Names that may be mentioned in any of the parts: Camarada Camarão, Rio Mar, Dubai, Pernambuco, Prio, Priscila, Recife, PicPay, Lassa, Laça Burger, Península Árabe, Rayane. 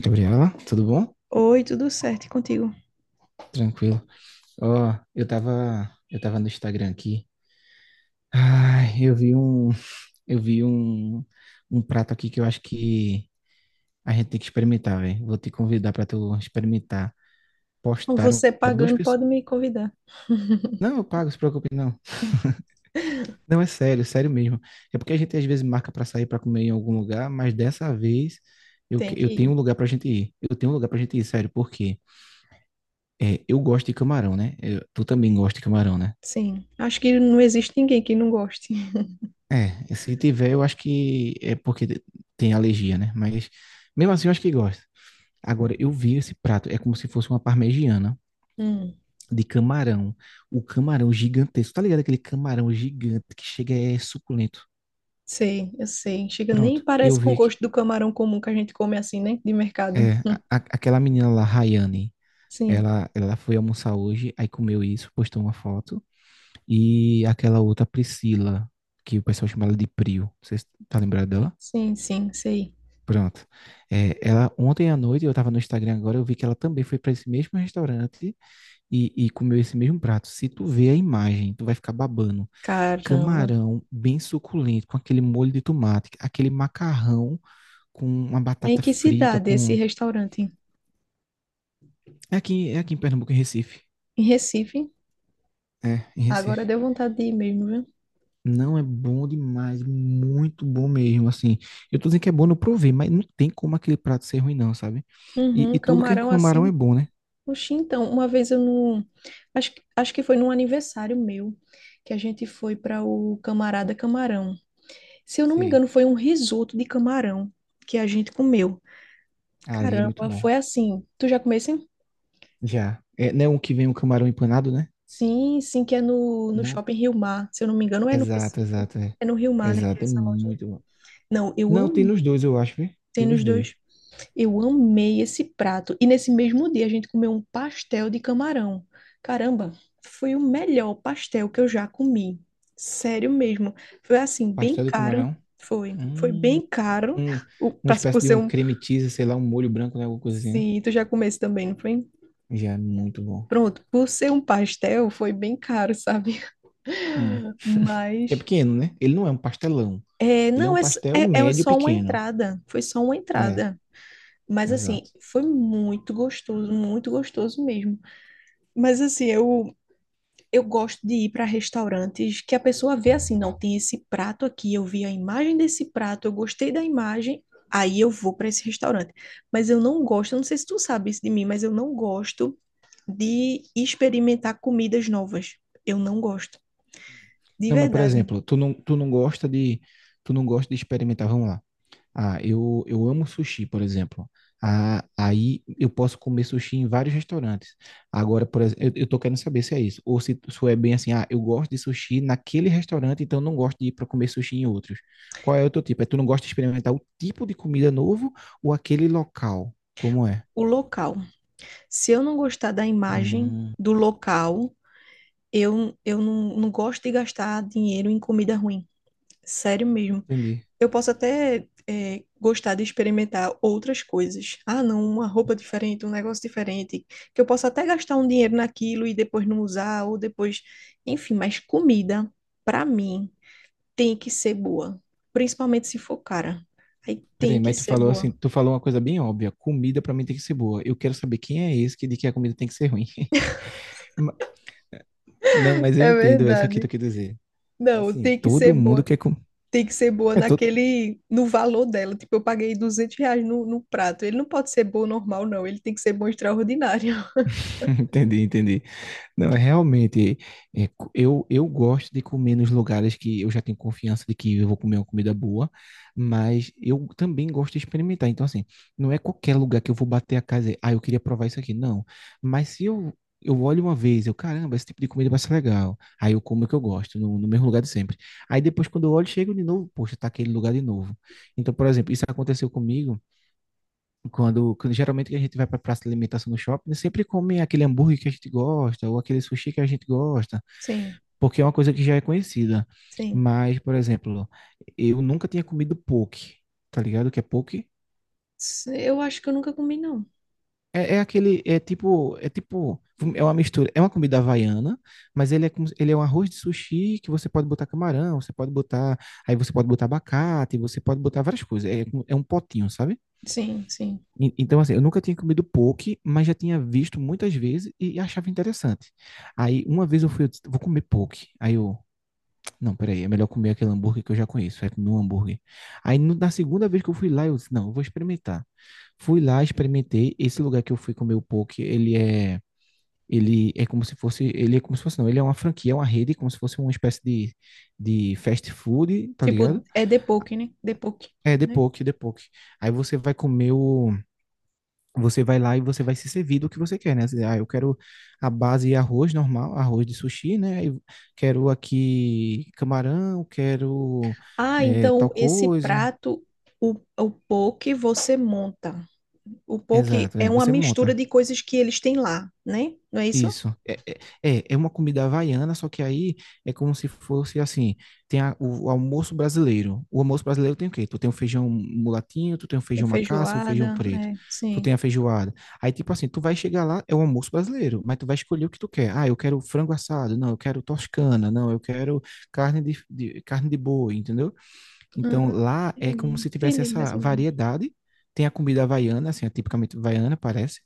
Gabriela, tudo bom? Oi, tudo certo e contigo? Tranquilo. Ó, eu tava no Instagram aqui. Ai, eu vi um prato aqui que eu acho que a gente tem que experimentar, velho. Vou te convidar pra tu experimentar. Postaram Você pra duas pagando pode pessoas. me convidar. Não, eu pago, se preocupe, não. Não, é sério, sério mesmo. É porque a gente às vezes marca pra sair pra comer em algum lugar, mas dessa vez Tem que eu tenho um ir. lugar pra gente ir. Eu tenho um lugar pra gente ir, sério, porque é, eu gosto de camarão, né? Tu também gosta de camarão, né? Sim, acho que não existe ninguém que não goste. É, se tiver, eu acho que é tem alergia, né? Mas mesmo assim, eu acho que gosta. Agora, eu vi esse prato, é como se fosse uma parmegiana Hum, de camarão. O camarão gigantesco, tá ligado? Aquele camarão gigante que chega é suculento. sei, eu sei. Chega, nem Pronto, eu parece com o vi que gosto do camarão comum que a gente come assim, né? De mercado. é, Hum. Aquela menina lá, Rayane, Sim, ela foi almoçar hoje, aí comeu isso, postou uma foto. E aquela outra Priscila, que o pessoal chama ela de Prio, vocês tá lembrado dela? sim, sei. Pronto. É, ela ontem à noite, eu estava no Instagram agora, eu vi que ela também foi para esse mesmo restaurante e comeu esse mesmo prato. Se tu vê a imagem, tu vai ficar babando. Caramba. Camarão bem suculento, com aquele molho de tomate, aquele macarrão com uma É em batata que frita, cidade esse com... restaurante? É aqui em Pernambuco, em Recife. Em Recife? É, em Agora Recife. deu vontade de ir mesmo, viu? Não, é bom demais, muito bom mesmo, assim. Eu tô dizendo que é bom, não provei, mas não tem como aquele prato ser ruim não, sabe? E, Uhum, e tudo que é com camarão camarão é assim. bom, né? Oxi, então, uma vez eu não. Acho que foi num aniversário meu que a gente foi para o Camarada Camarão. Se eu não me Sei. engano, foi um risoto de camarão que a gente comeu. Ali é muito Caramba, bom. foi assim. Tu já comeu assim? Já. É, não é um que vem um camarão empanado, né? Sim, sim, que é no Não. Shopping Rio Mar. Se eu não me engano, é no Exato, Recife. exato, é. É no Rio Mar, né? Que é Exato, é essa loja. muito bom. Não, eu Não, tem nos amei. dois, eu acho, viu? Tem Tem nos nos dois. dois. Eu amei esse prato. E nesse mesmo dia a gente comeu um pastel de camarão. Caramba, foi o melhor pastel que eu já comi. Sério mesmo. Foi assim, bem Pastel de caro. camarão. Foi. Foi Hum, bem caro. um- O, uma espécie por de ser um um. creme cheese, sei lá, um molho branco, né? Alguma coisa assim, né? Sim, tu já comeu esse também, não foi? Já, é muito bom. Pronto, por ser um pastel, foi bem caro, sabe? Hum. Porque é Mas. pequeno, né? Ele não é um pastelão. É, Ele é um não, é, s- pastel é, é médio só uma pequeno. entrada. Foi só uma É, entrada. Mas assim, exato. foi muito gostoso mesmo. Mas assim, eu gosto de ir para restaurantes que a pessoa vê assim, não, tem esse prato aqui, eu vi a imagem desse prato, eu gostei da imagem, aí eu vou para esse restaurante. Mas eu não gosto, eu não sei se tu sabe isso de mim, mas eu não gosto de experimentar comidas novas. Eu não gosto, de Não, mas por verdade. exemplo, tu não gosta de, tu não gosta de experimentar, vamos lá. Ah, eu amo sushi, por exemplo. Ah, aí eu posso comer sushi em vários restaurantes. Agora, por exemplo, eu tô querendo saber se é isso. Ou se é bem assim, ah, eu gosto de sushi naquele restaurante, então não gosto de ir para comer sushi em outros. Qual é o teu tipo? É tu não gosta de experimentar o tipo de comida novo ou aquele local? Como é? O local. Se eu não gostar da imagem Hum, do local, eu não, não gosto de gastar dinheiro em comida ruim. Sério mesmo. entendi. Eu posso até é, gostar de experimentar outras coisas. Ah, não, uma roupa diferente, um negócio diferente, que eu posso até gastar um dinheiro naquilo e depois não usar, ou depois. Enfim, mas comida, pra mim, tem que ser boa. Principalmente se for cara. Aí tem Peraí, que mas tu ser falou assim, boa. tu falou uma coisa bem óbvia. Comida pra mim tem que ser boa. Eu quero saber quem é esse que diz que a comida tem que ser ruim. Ma- Não, mas eu É entendo essa que verdade. tu quer dizer. Não, Assim, tem que ser todo mundo boa. quer comer. Tem que ser boa É todo... naquele, no valor dela. Tipo, eu paguei R$ 200 no prato. Ele não pode ser bom normal, não. Ele tem que ser bom extraordinário. Entendi, entendi. Não, é realmente. É, eu gosto de comer nos lugares que eu já tenho confiança de que eu vou comer uma comida boa, mas eu também gosto de experimentar. Então, assim, não é qualquer lugar que eu vou bater a casa e dizer, ah, eu queria provar isso aqui. Não. Mas se eu, Eu olho uma vez, eu, caramba, esse tipo de comida vai ser legal. Aí eu como o que eu gosto, no mesmo lugar de sempre. Aí depois, quando eu olho, chego de novo, poxa, tá aquele lugar de novo. Então, por exemplo, isso aconteceu comigo. Quando geralmente a gente vai para praça de alimentação no shopping, né, sempre come aquele hambúrguer que a gente gosta, ou aquele sushi que a gente gosta, Sim, porque é uma coisa que já é conhecida. sim. Mas, por exemplo, eu nunca tinha comido poke, tá ligado? O que é poke? Eu acho que eu nunca comi, não. É, é aquele, é tipo, é tipo, é uma mistura, é uma comida havaiana, mas ele é, como se- ele é um arroz de sushi que você pode botar camarão, você pode botar, aí você pode botar abacate, você pode botar várias coisas. É, é um potinho, sabe? Sim, sim. Então, assim, eu nunca tinha comido poke, mas já tinha visto muitas vezes e achava interessante. Aí, uma vez eu fui, eu disse, vou comer poke. Aí eu, não, peraí, é melhor comer aquele hambúrguer que eu já conheço, aí comi um hambúrguer. Aí, na segunda vez que eu fui lá, eu disse, não, eu vou experimentar. Fui lá, experimentei. Esse lugar que eu fui comer o poke, ele é como se fosse, ele é como se fosse, não, ele é uma franquia, é uma rede, como se fosse uma espécie de fast food, tá Tipo, ligado? é de depoque, né? De Depoque, É, de né? poke, de poke. Aí você vai comer o... Você vai lá e você vai se servir do que você quer, né? Ah, eu quero a base e arroz normal, arroz de sushi, né? Eu quero aqui camarão, quero Ah, eh, então tal esse coisa. prato, o poke você monta. O poke Exato, é é, uma você mistura monta. de coisas que eles têm lá, né? Não é isso? Isso. É, é, é uma comida havaiana, só que aí é como se fosse assim: tem o almoço brasileiro. O almoço brasileiro tem o quê? Tu tem o feijão mulatinho, tu tem o Com feijão macaça, o feijão feijoada, preto, é, tu sim. tem a feijoada. Aí, tipo assim, tu vai chegar lá, é o almoço brasileiro, mas tu vai escolher o que tu quer. Ah, eu quero frango assado, não, eu quero toscana, não, eu quero carne carne de boi, entendeu? Hum, Então lá é entendi, como se tivesse entendi mais essa ou menos. variedade. Tem a comida havaiana, assim, é tipicamente havaiana, parece.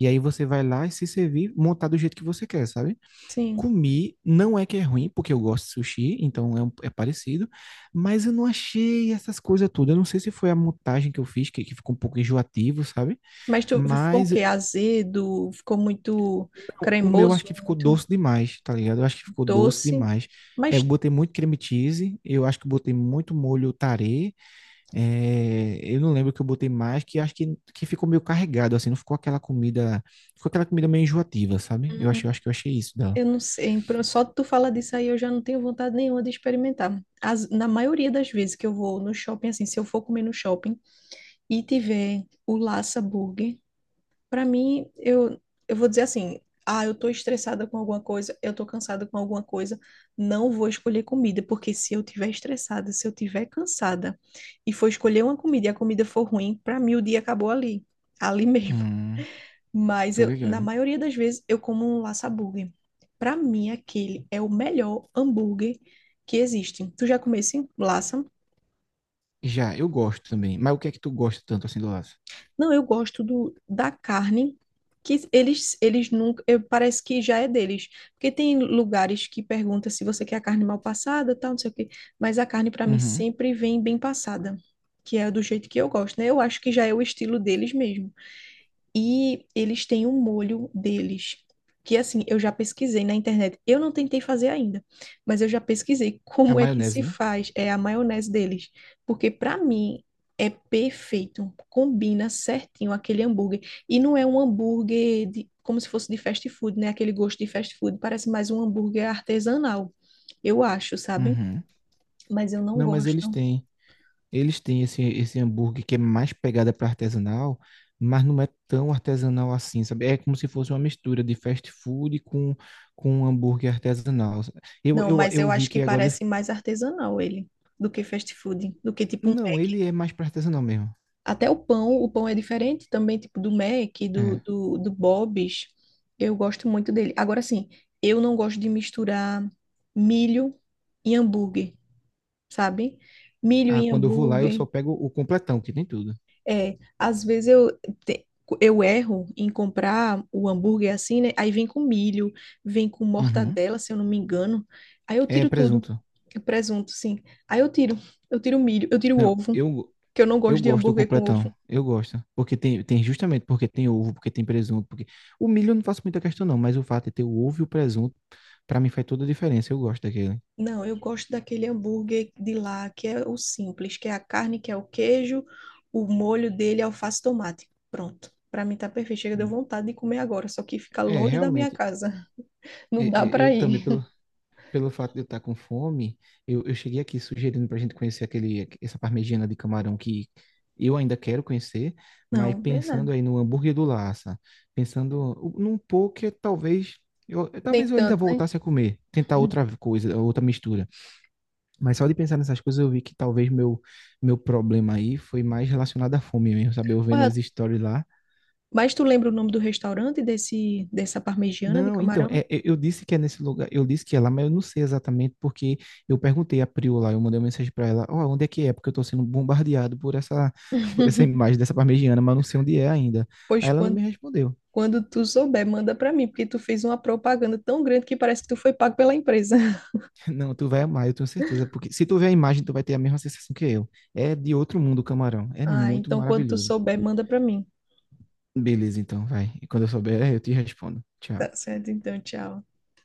E aí você vai lá e se servir, montar do jeito que você quer, sabe? Sim. Comi, não é que é ruim, porque eu gosto de sushi, então é, é parecido, mas eu não achei essas coisas todas. Eu não sei se foi a montagem que eu fiz, que ficou um pouco enjoativo, sabe? Mas tu ficou o Mas quê? Azedo, ficou muito o meu acho cremoso, que ficou muito doce demais, tá ligado? Eu acho que ficou doce doce. demais. É, eu Mas botei muito creme cheese, eu acho que botei muito molho tarê. É, eu não lembro que eu botei mais, que acho que ficou meio carregado, assim, não ficou aquela comida, ficou aquela comida meio enjoativa, sabe? Eu achei, eu acho que eu achei isso dela. eu não sei, só tu fala disso aí eu já não tenho vontade nenhuma de experimentar. Na maioria das vezes que eu vou no shopping, assim, se eu for comer no shopping e tiver o Laça Burger, pra mim, eu vou dizer assim, ah, eu tô estressada com alguma coisa, eu tô cansada com alguma coisa, não vou escolher comida, porque se eu tiver estressada, se eu tiver cansada e for escolher uma comida e a comida for ruim, pra mim o dia acabou ali mesmo. Hum, Mas tô eu, na ligado. maioria das vezes eu como um laça hambúrguer. Para mim, aquele é o melhor hambúrguer que existe. Tu já comeu esse laça? Já, eu gosto também. Mas o que é que tu gosta tanto assim do laço? Não, eu gosto do, da carne que eles nunca, parece que já é deles, porque tem lugares que perguntam se você quer a carne mal passada, tal, não sei o quê, mas a carne para mim Uhum. sempre vem bem passada, que é do jeito que eu gosto, né? Eu acho que já é o estilo deles mesmo. E eles têm um molho deles, que assim, eu já pesquisei na internet. Eu não tentei fazer ainda, mas eu já pesquisei A como é que maionese, se né? faz é a maionese deles, porque para mim é perfeito, combina certinho aquele hambúrguer e não é um hambúrguer de, como se fosse de fast food, né? Aquele gosto de fast food, parece mais um hambúrguer artesanal. Eu acho, sabe? Uhum. Mas eu não Não, mas eles gosto. têm. Eles têm esse hambúrguer que é mais pegada para artesanal, mas não é tão artesanal assim, sabe? É como se fosse uma mistura de fast food com um hambúrguer artesanal. Eu, Não, eu, mas eu eu vi acho que que agora... parece mais artesanal ele do que fast food, do que tipo um. Não, ele é mais pra artesanal mesmo. Até o pão é diferente também, tipo do Mac, do, É. do, do Bob's. Eu gosto muito dele. Agora sim, eu não gosto de misturar milho e hambúrguer, sabe? Milho Ah, e quando eu vou lá, eu hambúrguer. só pego o completão, que tem tudo. É, às vezes te- eu erro em comprar o hambúrguer assim, né? Aí vem com milho, vem com Uhum. mortadela, se eu não me engano. Aí eu É tiro tudo, presunto. presunto, sim. Aí eu tiro, eu tiro o milho, eu tiro o Não, ovo, que eu não eu gosto de gosto do hambúrguer com completão. ovo. Eu gosto. Porque tem, tem justamente porque tem ovo, porque tem presunto, porque... O milho eu não faço muita questão, não, mas o fato de ter o ovo e o presunto, pra mim faz toda a diferença. Eu gosto daquele. Não, eu gosto daquele hambúrguer de lá, que é o simples, que é a carne, que é o queijo, o molho dele é alface e tomate. Pronto. Pra mim tá perfeito. Chega, deu Hum. vontade de comer agora, só que fica É, longe da minha realmente. casa. é, Não é, dá eu pra também, ir. pelo, pelo fato de eu estar com fome, eu cheguei aqui sugerindo para a gente conhecer aquele, essa parmegiana de camarão que eu ainda quero conhecer, mas Não, pensando verdade. aí no hambúrguer do Lassa, pensando num poke, talvez Nem eu ainda tanto, né? voltasse a comer, tentar outra coisa, outra mistura. Mas só de pensar nessas coisas eu vi que meu problema aí foi mais relacionado à fome mesmo, sabe? Eu vendo os Olha, stories lá... mas tu lembra o nome do restaurante desse, dessa parmegiana de Não, então, camarão? Eu disse que é nesse lugar, eu disse que é lá, mas eu não sei exatamente porque eu perguntei a Priu lá, eu mandei uma mensagem para ela, ó, onde é que é? Porque eu tô sendo bombardeado por essa, por essa imagem dessa parmegiana, mas eu não sei onde é ainda. Pois Aí ela não me respondeu. quando tu souber, manda pra mim, porque tu fez uma propaganda tão grande que parece que tu foi pago pela empresa. Não, tu vai amar, eu tenho certeza, porque se tu ver a imagem, tu vai ter a mesma sensação que eu. É de outro mundo o camarão, é Ah, muito então quando tu maravilhoso. souber, manda pra mim. Beleza, então, vai. E quando eu souber, eu te respondo. Tchau. Tá certo, então, tchau.